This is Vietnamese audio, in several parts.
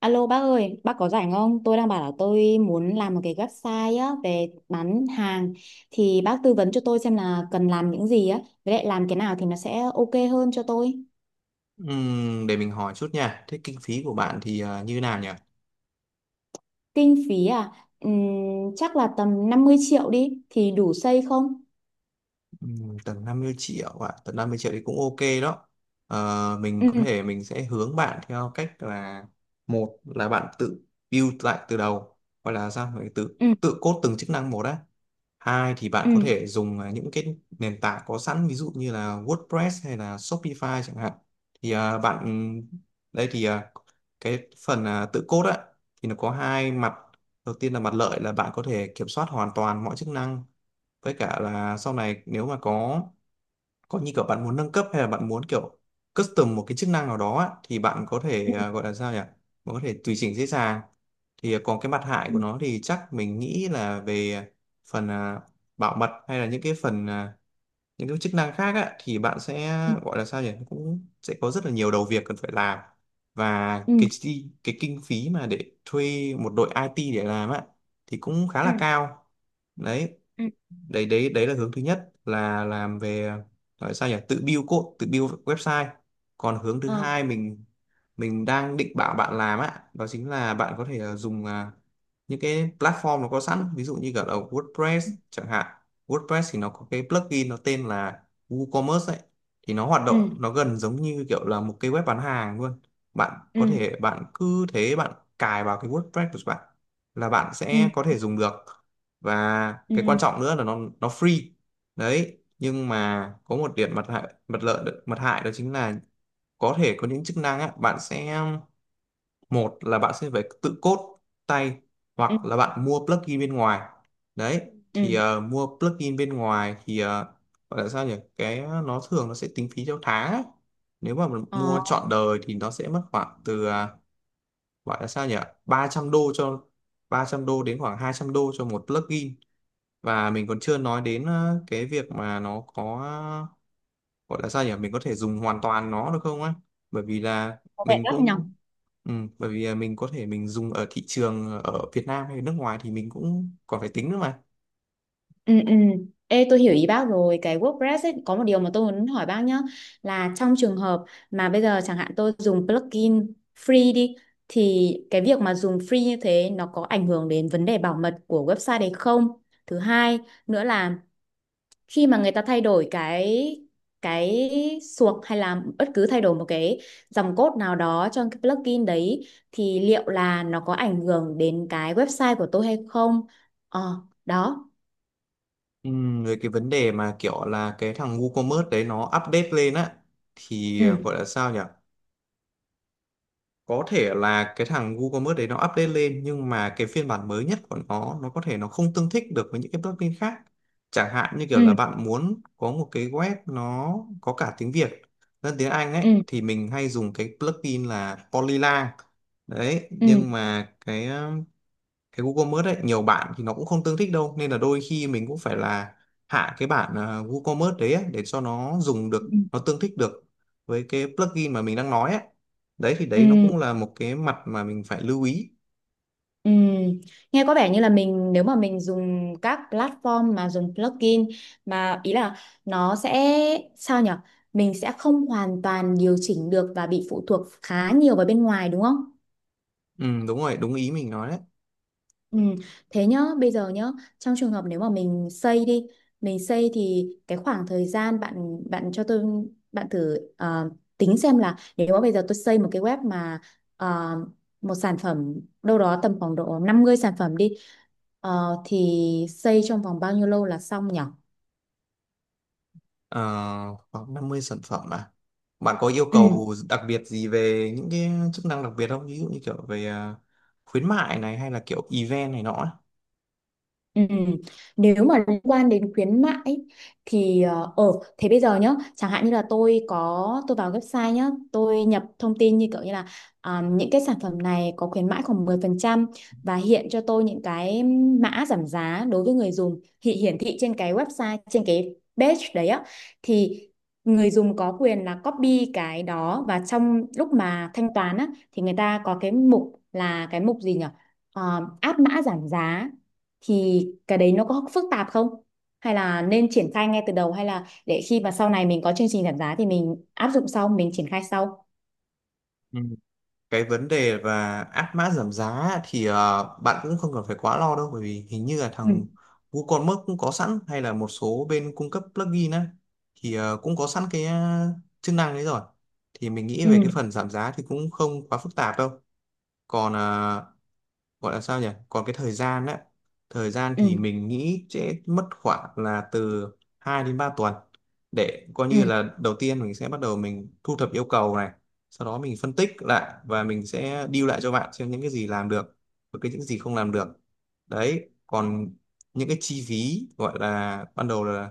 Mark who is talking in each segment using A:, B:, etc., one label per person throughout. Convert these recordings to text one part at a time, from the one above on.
A: Alo bác ơi, bác có rảnh không? Tôi đang bảo là tôi muốn làm một cái website á về bán hàng thì bác tư vấn cho tôi xem là cần làm những gì á, với lại làm cái nào thì nó sẽ ok hơn cho tôi.
B: Để mình hỏi chút nha. Thế kinh phí của bạn thì như nào nhỉ?
A: Kinh phí à? Ừm, chắc là tầm 50 triệu đi thì đủ xây không?
B: Tầm 50 triệu ạ, tầm 50 triệu thì cũng ok đó. Mình
A: Ừ,
B: có thể mình sẽ hướng bạn theo cách là: một là bạn tự build lại từ đầu, hoặc là sao phải tự
A: ừ,
B: tự code từng chức năng một á. Hai thì
A: ừ,
B: bạn có thể dùng những cái nền tảng có sẵn, ví dụ như là WordPress hay là Shopify chẳng hạn. Thì à, bạn đây thì à, cái phần tự code á thì nó có hai mặt. Đầu tiên là mặt lợi là bạn có thể kiểm soát hoàn toàn mọi chức năng, với cả là sau này nếu mà có như kiểu bạn muốn nâng cấp hay là bạn muốn kiểu custom một cái chức năng nào đó á, thì bạn có thể
A: ừ,
B: à, gọi là sao nhỉ bạn có thể tùy chỉnh dễ dàng. Thì còn cái mặt hại
A: ừ,
B: của nó thì chắc mình nghĩ là về phần bảo mật, hay là những cái phần những cái chức năng khác á, thì bạn sẽ gọi là sao nhỉ cũng sẽ có rất là nhiều đầu việc cần phải làm, và
A: ừ,
B: cái kinh phí mà để thuê một đội IT để làm á thì cũng khá
A: ừ,
B: là
A: ừ,
B: cao. Đấy
A: ừ,
B: đấy đấy Đấy là hướng thứ nhất, là làm về gọi sao nhỉ tự build code, tự build website. Còn hướng thứ
A: ờ,
B: hai mình đang định bảo bạn làm á, đó chính là bạn có thể dùng những cái platform nó có sẵn, ví dụ như cả là WordPress chẳng hạn. WordPress thì nó có cái plugin nó tên là WooCommerce ấy. Thì nó hoạt
A: ừ,
B: động nó gần giống như kiểu là một cái web bán hàng luôn. Bạn có
A: ừ,
B: thể bạn cứ thế bạn cài vào cái WordPress của bạn là bạn
A: ừ,
B: sẽ có thể dùng được. Và cái
A: ừ,
B: quan trọng nữa là nó free. Đấy, nhưng mà có một điểm, mặt hại đó chính là có thể có những chức năng á, bạn sẽ một là bạn sẽ phải tự code tay,
A: ừ, ừ.
B: hoặc là bạn mua plugin bên ngoài. Đấy, thì
A: Ừ.
B: mua plugin bên ngoài thì ờ, gọi là sao nhỉ cái nó thường nó sẽ tính phí theo tháng ấy. Nếu mà mình mua
A: Ờ,
B: trọn đời thì nó sẽ mất khoảng từ ờ, gọi là sao nhỉ 300 đô cho 300 đô đến khoảng 200 đô cho một plugin. Và mình còn chưa nói đến cái việc mà nó có ờ, gọi là sao nhỉ mình có thể dùng hoàn toàn nó được không á, bởi vì là
A: có vẻ
B: mình
A: đắt nhỉ?
B: cũng ừ, bởi vì là mình có thể mình dùng ở thị trường ở Việt Nam hay nước ngoài thì mình cũng còn phải tính nữa mà.
A: Ừ, ừ. Ê, tôi hiểu ý bác rồi cái WordPress ấy, có một điều mà tôi muốn hỏi bác nhá là trong trường hợp mà bây giờ chẳng hạn tôi dùng plugin free đi thì cái việc mà dùng free như thế nó có ảnh hưởng đến vấn đề bảo mật của website đấy không? Thứ hai nữa là khi mà người ta thay đổi cái suộc hay là bất cứ thay đổi một cái dòng code nào đó trong cái plugin đấy thì liệu là nó có ảnh hưởng đến cái website của tôi hay không? Ờ, đó.
B: Ừ, rồi cái vấn đề mà kiểu là cái thằng WooCommerce đấy nó update lên á, thì ờ,
A: Ừ.
B: gọi là sao nhỉ có thể là cái thằng WooCommerce đấy nó update lên, nhưng mà cái phiên bản mới nhất của nó có thể nó không tương thích được với những cái plugin khác. Chẳng hạn như kiểu là
A: Ừ.
B: bạn muốn có một cái web nó có cả tiếng Việt lẫn tiếng Anh ấy,
A: Ừ,
B: thì mình hay dùng cái plugin là Polylang. Đấy,
A: ừ,
B: nhưng mà cái WooCommerce ấy nhiều bạn thì nó cũng không tương thích đâu, nên là đôi khi mình cũng phải là hạ cái bản WooCommerce đấy ấy, để cho nó dùng được,
A: ừ,
B: nó tương thích được với cái plugin mà mình đang nói ấy. Đấy thì đấy nó
A: ừ,
B: cũng là một cái mặt mà mình phải lưu ý.
A: ừ. Nghe có vẻ như là mình nếu mà mình dùng các platform mà dùng plugin mà ý là nó sẽ sao nhở, mình sẽ không hoàn toàn điều chỉnh được và bị phụ thuộc khá nhiều vào bên ngoài, đúng không?
B: Ừ, đúng rồi, đúng ý mình nói đấy.
A: Ừ. Thế nhá, bây giờ nhá, trong trường hợp nếu mà mình xây đi, mình xây thì cái khoảng thời gian bạn bạn cho tôi, bạn thử tính xem là nếu mà bây giờ tôi xây một cái web mà ờ, một sản phẩm đâu đó tầm khoảng độ 50 sản phẩm đi, thì xây trong vòng bao nhiêu lâu là xong nhỉ?
B: Ờ, Khoảng 50 sản phẩm à? Bạn có yêu
A: Ừ.
B: cầu đặc biệt gì về những cái chức năng đặc biệt không, ví dụ như kiểu về khuyến mại này, hay là kiểu event này nọ ấy?
A: Ừ. Nếu mà liên quan đến khuyến mại ấy, thì thế bây giờ nhá chẳng hạn như là tôi có, tôi vào website nhá, tôi nhập thông tin như kiểu như là à, những cái sản phẩm này có khuyến mãi khoảng 10% và hiện cho tôi những cái mã giảm giá đối với người dùng thì hiển thị trên cái website, trên cái page đấy á, thì người dùng có quyền là copy cái đó, và trong lúc mà thanh toán á thì người ta có cái mục là cái mục gì nhỉ? Ờ, áp mã giảm giá, thì cái đấy nó có phức tạp không? Hay là nên triển khai ngay từ đầu, hay là để khi mà sau này mình có chương trình giảm giá thì mình áp dụng sau, mình triển khai sau?
B: Cái vấn đề và áp mã giảm giá á, thì bạn cũng không cần phải quá lo đâu, bởi vì hình như là
A: Ừ,
B: thằng WooCommerce cũng có sẵn, hay là một số bên cung cấp plugin á thì cũng có sẵn cái chức năng đấy rồi. Thì mình nghĩ về
A: ừ,
B: cái phần giảm giá thì cũng không quá phức tạp đâu. Còn ờ, gọi là sao nhỉ còn cái thời gian á, thời gian
A: ừ,
B: thì mình nghĩ sẽ mất khoảng là từ 2 đến 3 tuần, để coi
A: ừ,
B: như là đầu tiên mình sẽ bắt đầu mình thu thập yêu cầu này, sau đó mình phân tích lại và mình sẽ deal lại cho bạn xem những cái gì làm được và cái những gì không làm được. Đấy, còn những cái chi phí gọi là ban đầu là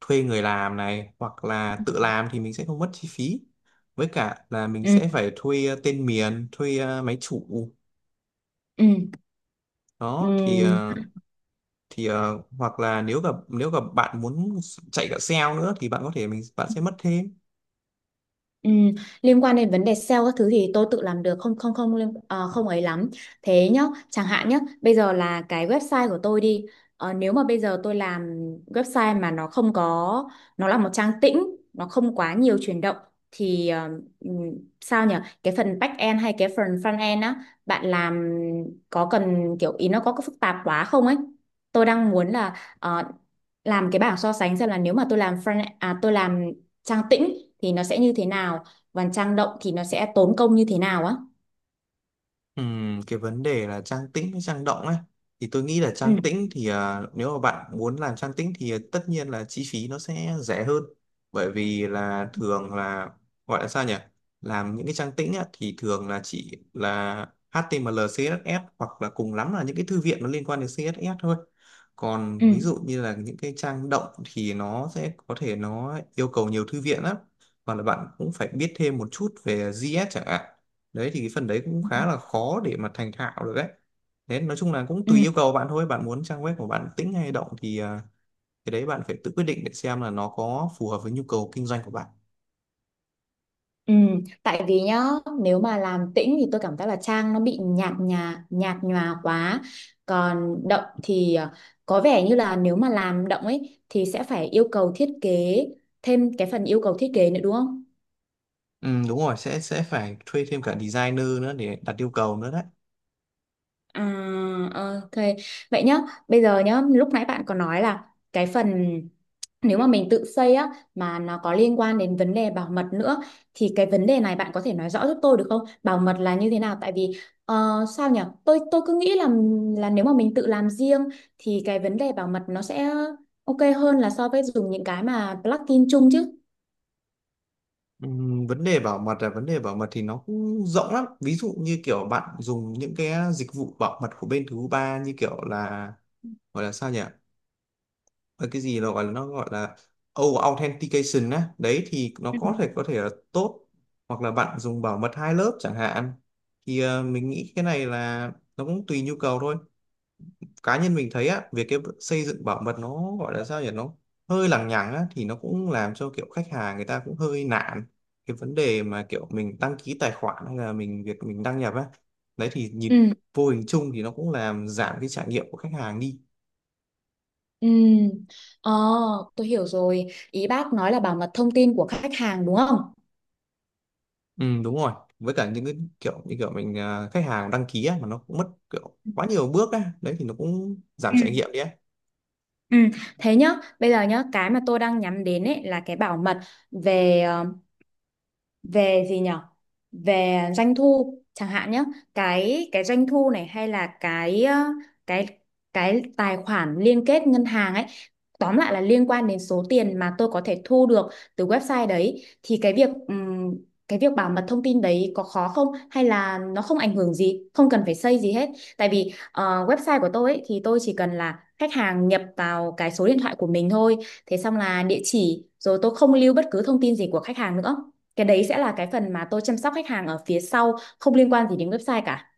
B: thuê người làm này, hoặc là tự làm thì mình sẽ không mất chi phí, với cả là mình
A: ừ,
B: sẽ phải thuê tên miền, thuê máy chủ.
A: ừ. Ừ.
B: Đó thì hoặc là nếu gặp bạn muốn chạy cả sale nữa thì bạn có thể bạn sẽ mất thêm.
A: Ừ, liên quan đến vấn đề sale các thứ thì tôi tự làm được, không, không, không, không ấy lắm. Thế nhá, chẳng hạn nhá, bây giờ là cái website của tôi đi. Ờ, nếu mà bây giờ tôi làm website mà nó không có, nó là một trang tĩnh, nó không quá nhiều chuyển động, thì ừm, sao nhỉ, cái phần back end hay cái phần front end á bạn làm có cần kiểu ý nó có phức tạp quá không ấy. Tôi đang muốn là làm cái bảng so sánh xem là nếu mà tôi làm tôi làm trang tĩnh thì nó sẽ như thế nào, và trang động thì nó sẽ tốn công như thế nào á.
B: Cái vấn đề là trang tĩnh hay trang động ấy, thì tôi nghĩ là
A: Ừ,
B: trang tĩnh thì nếu mà bạn muốn làm trang tĩnh thì tất nhiên là chi phí nó sẽ rẻ hơn. Bởi vì là thường là gọi là sao nhỉ làm những cái trang tĩnh á, thì thường là chỉ là HTML CSS, hoặc là cùng lắm là những cái thư viện nó liên quan đến CSS thôi.
A: ừ,
B: Còn ví dụ như là những cái trang động thì nó sẽ có thể nó yêu cầu nhiều thư viện lắm, hoặc là bạn cũng phải biết thêm một chút về JS chẳng hạn. Đấy thì cái phần đấy cũng khá là khó để mà thành thạo được đấy. Thế nói chung là cũng
A: ừ.
B: tùy yêu cầu bạn thôi, bạn muốn trang web của bạn tĩnh hay động thì cái đấy bạn phải tự quyết định để xem là nó có phù hợp với nhu cầu kinh doanh của bạn.
A: Ừ, tại vì nhá, nếu mà làm tĩnh thì tôi cảm giác là trang nó bị nhạt nhòa quá, còn động thì có vẻ như là nếu mà làm động ấy thì sẽ phải yêu cầu thiết kế, thêm cái phần yêu cầu thiết kế nữa, đúng không?
B: Ừ, đúng rồi, sẽ phải thuê thêm cả designer nữa để đặt yêu cầu nữa đấy.
A: À, ok. Vậy nhá, bây giờ nhá, lúc nãy bạn có nói là cái phần nếu mà mình tự xây á mà nó có liên quan đến vấn đề bảo mật nữa, thì cái vấn đề này bạn có thể nói rõ giúp tôi được không? Bảo mật là như thế nào? Tại vì sao nhỉ? Tôi cứ nghĩ là nếu mà mình tự làm riêng thì cái vấn đề bảo mật nó sẽ ok hơn là so với dùng những cái mà plugin chung chứ.
B: Ừ, vấn đề bảo mật, là vấn đề bảo mật thì nó cũng rộng lắm, ví dụ như kiểu bạn dùng những cái dịch vụ bảo mật của bên thứ ba như kiểu là gọi là sao nhỉ và cái gì nó gọi là over authentication á, đấy thì nó
A: Ừ.
B: có thể là tốt, hoặc là bạn dùng bảo mật hai lớp chẳng hạn. Thì mình nghĩ cái này là nó cũng tùy nhu cầu thôi. Cá nhân mình thấy á, việc cái xây dựng bảo mật nó gọi là sao nhỉ nó hơi lằng nhằng á, thì nó cũng làm cho kiểu khách hàng người ta cũng hơi nản. Cái vấn đề mà kiểu mình đăng ký tài khoản, hay là mình việc mình đăng nhập á, đấy thì nhìn
A: Ừ.
B: vô hình chung thì nó cũng làm giảm cái trải nghiệm của khách hàng đi.
A: Ừ. Ờ, tôi hiểu rồi. Ý bác nói là bảo mật thông tin của khách hàng đúng không?
B: Ừ, đúng rồi, với cả những cái kiểu như kiểu mình khách hàng đăng ký á, mà nó cũng mất kiểu quá nhiều bước á, đấy thì nó cũng giảm
A: Ừ.
B: trải nghiệm đi á.
A: Ừ, thế nhá, bây giờ nhá, cái mà tôi đang nhắm đến ấy là cái bảo mật về ờ, về gì nhở, về doanh thu chẳng hạn nhé, cái doanh thu này hay là cái ờ, cái cái tài khoản liên kết ngân hàng ấy, tóm lại là liên quan đến số tiền mà tôi có thể thu được từ website đấy, thì cái việc bảo mật thông tin đấy có khó không, hay là nó không ảnh hưởng gì, không cần phải xây gì hết, tại vì website của tôi ấy, thì tôi chỉ cần là khách hàng nhập vào cái số điện thoại của mình thôi, thế xong là địa chỉ, rồi tôi không lưu bất cứ thông tin gì của khách hàng nữa, cái đấy sẽ là cái phần mà tôi chăm sóc khách hàng ở phía sau, không liên quan gì đến website cả.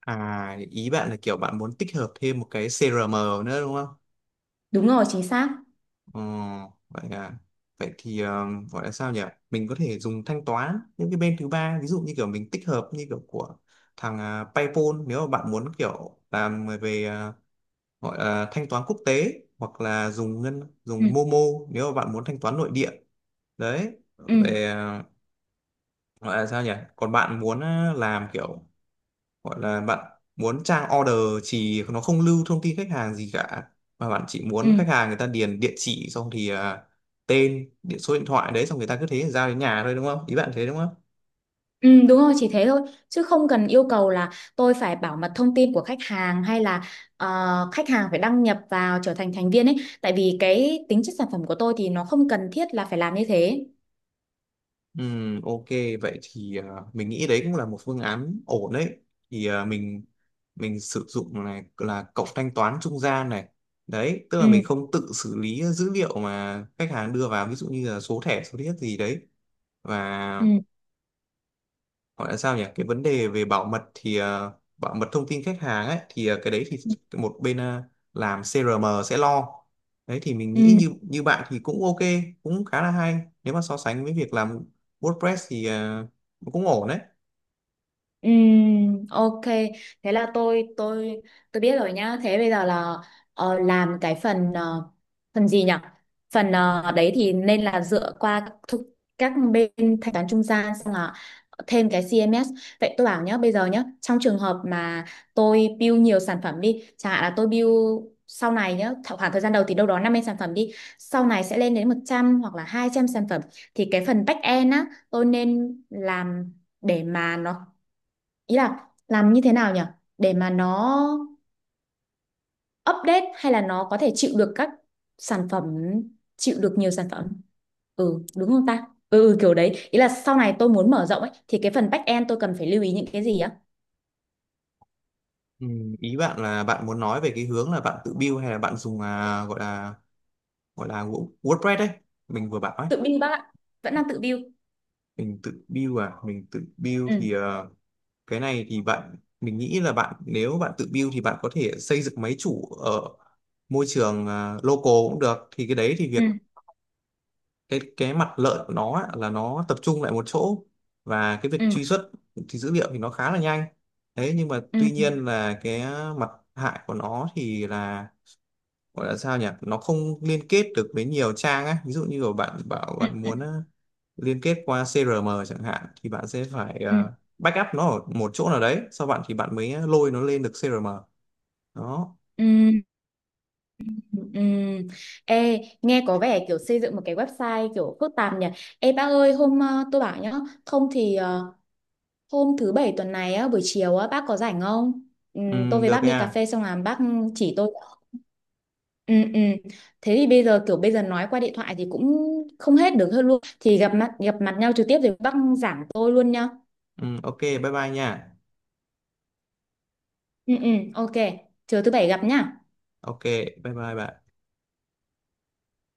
B: À, ý bạn là kiểu bạn muốn tích hợp thêm một cái CRM nữa đúng không?
A: Đúng rồi, chính xác.
B: Ừ, vậy à? Vậy thì ờ, gọi là sao nhỉ mình có thể dùng thanh toán những cái bên thứ ba, ví dụ như kiểu mình tích hợp như kiểu của thằng PayPal nếu mà bạn muốn kiểu làm về gọi là thanh toán quốc tế, hoặc là
A: Ừ,
B: dùng Momo nếu mà bạn muốn thanh toán nội địa. Đấy
A: ừ,
B: về ờ, gọi là sao nhỉ còn bạn muốn làm kiểu gọi là bạn muốn trang order chỉ nó không lưu thông tin khách hàng gì cả, mà bạn chỉ muốn
A: ừ,
B: khách hàng người ta điền địa chỉ, xong thì tên điện số điện thoại đấy, xong người ta cứ thế giao đến nhà thôi đúng không, ý bạn thế đúng không?
A: ừ, đúng rồi, chỉ thế thôi. Chứ không cần yêu cầu là tôi phải bảo mật thông tin của khách hàng, hay là khách hàng phải đăng nhập vào trở thành thành viên ấy. Tại vì cái tính chất sản phẩm của tôi thì nó không cần thiết là phải làm như thế.
B: Ok, vậy thì mình nghĩ đấy cũng là một phương án ổn đấy. Thì mình sử dụng này là cổng thanh toán trung gian này. Đấy tức
A: Ừ,
B: là mình không tự xử lý dữ liệu mà khách hàng đưa vào, ví dụ như là số thẻ số thiết gì đấy. Và
A: ừ,
B: gọi là sao nhỉ cái vấn đề về bảo mật thì bảo mật thông tin khách hàng ấy thì cái đấy thì
A: ừ.
B: một bên làm CRM sẽ lo. Đấy thì mình
A: Ừ.
B: nghĩ như như bạn thì cũng ok, cũng khá là hay, nếu mà so sánh với việc làm WordPress thì cũng ổn đấy.
A: Ok, thế là tôi biết rồi nhá. Thế bây giờ là làm cái phần phần gì nhỉ, phần đấy thì nên là dựa qua các bên thanh toán trung gian, xong là thêm cái CMS. Vậy tôi bảo nhá, bây giờ nhá, trong trường hợp mà tôi build nhiều sản phẩm đi, chẳng hạn là tôi build sau này nhá, khoảng thời gian đầu thì đâu đó 50 sản phẩm đi, sau này sẽ lên đến 100 hoặc là 200 sản phẩm, thì cái phần back end á tôi nên làm để mà nó, ý là làm như thế nào nhỉ, để mà nó update, hay là nó có thể chịu được các sản phẩm, chịu được nhiều sản phẩm, ừ đúng không ta, ừ, ừ, kiểu đấy, ý là sau này tôi muốn mở rộng ấy thì cái phần back end tôi cần phải lưu ý những cái gì á.
B: Ừ, ý bạn là bạn muốn nói về cái hướng là bạn tự build hay là bạn dùng à, gọi là WordPress đấy mình vừa bảo ấy.
A: Tự build bác ạ, vẫn đang tự build.
B: Mình tự build à? Mình tự build
A: Ừ,
B: thì cái này thì mình nghĩ là bạn nếu bạn tự build thì bạn có thể xây dựng máy chủ ở môi trường local cũng được. Thì cái đấy thì
A: ừ,
B: cái mặt lợi của nó á, là nó tập trung lại một chỗ, và cái
A: ừ,
B: việc truy xuất dữ liệu thì nó khá là nhanh. Thế nhưng mà
A: ừ,
B: tuy
A: ừ,
B: nhiên là cái mặt hại của nó thì là gọi là sao nhỉ nó không liên kết được với nhiều trang á, ví dụ như là bạn bảo bạn muốn liên kết qua CRM chẳng hạn thì bạn sẽ phải
A: ừ,
B: backup nó ở một chỗ nào đấy, sau bạn thì bạn mới lôi nó lên được CRM. Đó.
A: ừ, ừ, ừ. Ê, nghe có vẻ kiểu xây dựng một cái website kiểu phức tạp nhỉ. Ê bác ơi, hôm tôi bảo nhá, không thì hôm thứ bảy tuần này á, buổi chiều á, bác có rảnh không? Ừ, tôi
B: Ừ,
A: với
B: được
A: bác đi cà
B: nha.
A: phê xong là bác chỉ tôi. Ừ, ừ. Thế thì bây giờ kiểu bây giờ nói qua điện thoại thì cũng không hết được hơn luôn. Thì gặp mặt nhau trực tiếp rồi bác giảng tôi luôn nhá.
B: Ừ, ok bye bye nha.
A: Ừ, ừ, ok. Chờ thứ bảy gặp nhá.
B: Ok, bye bye bạn.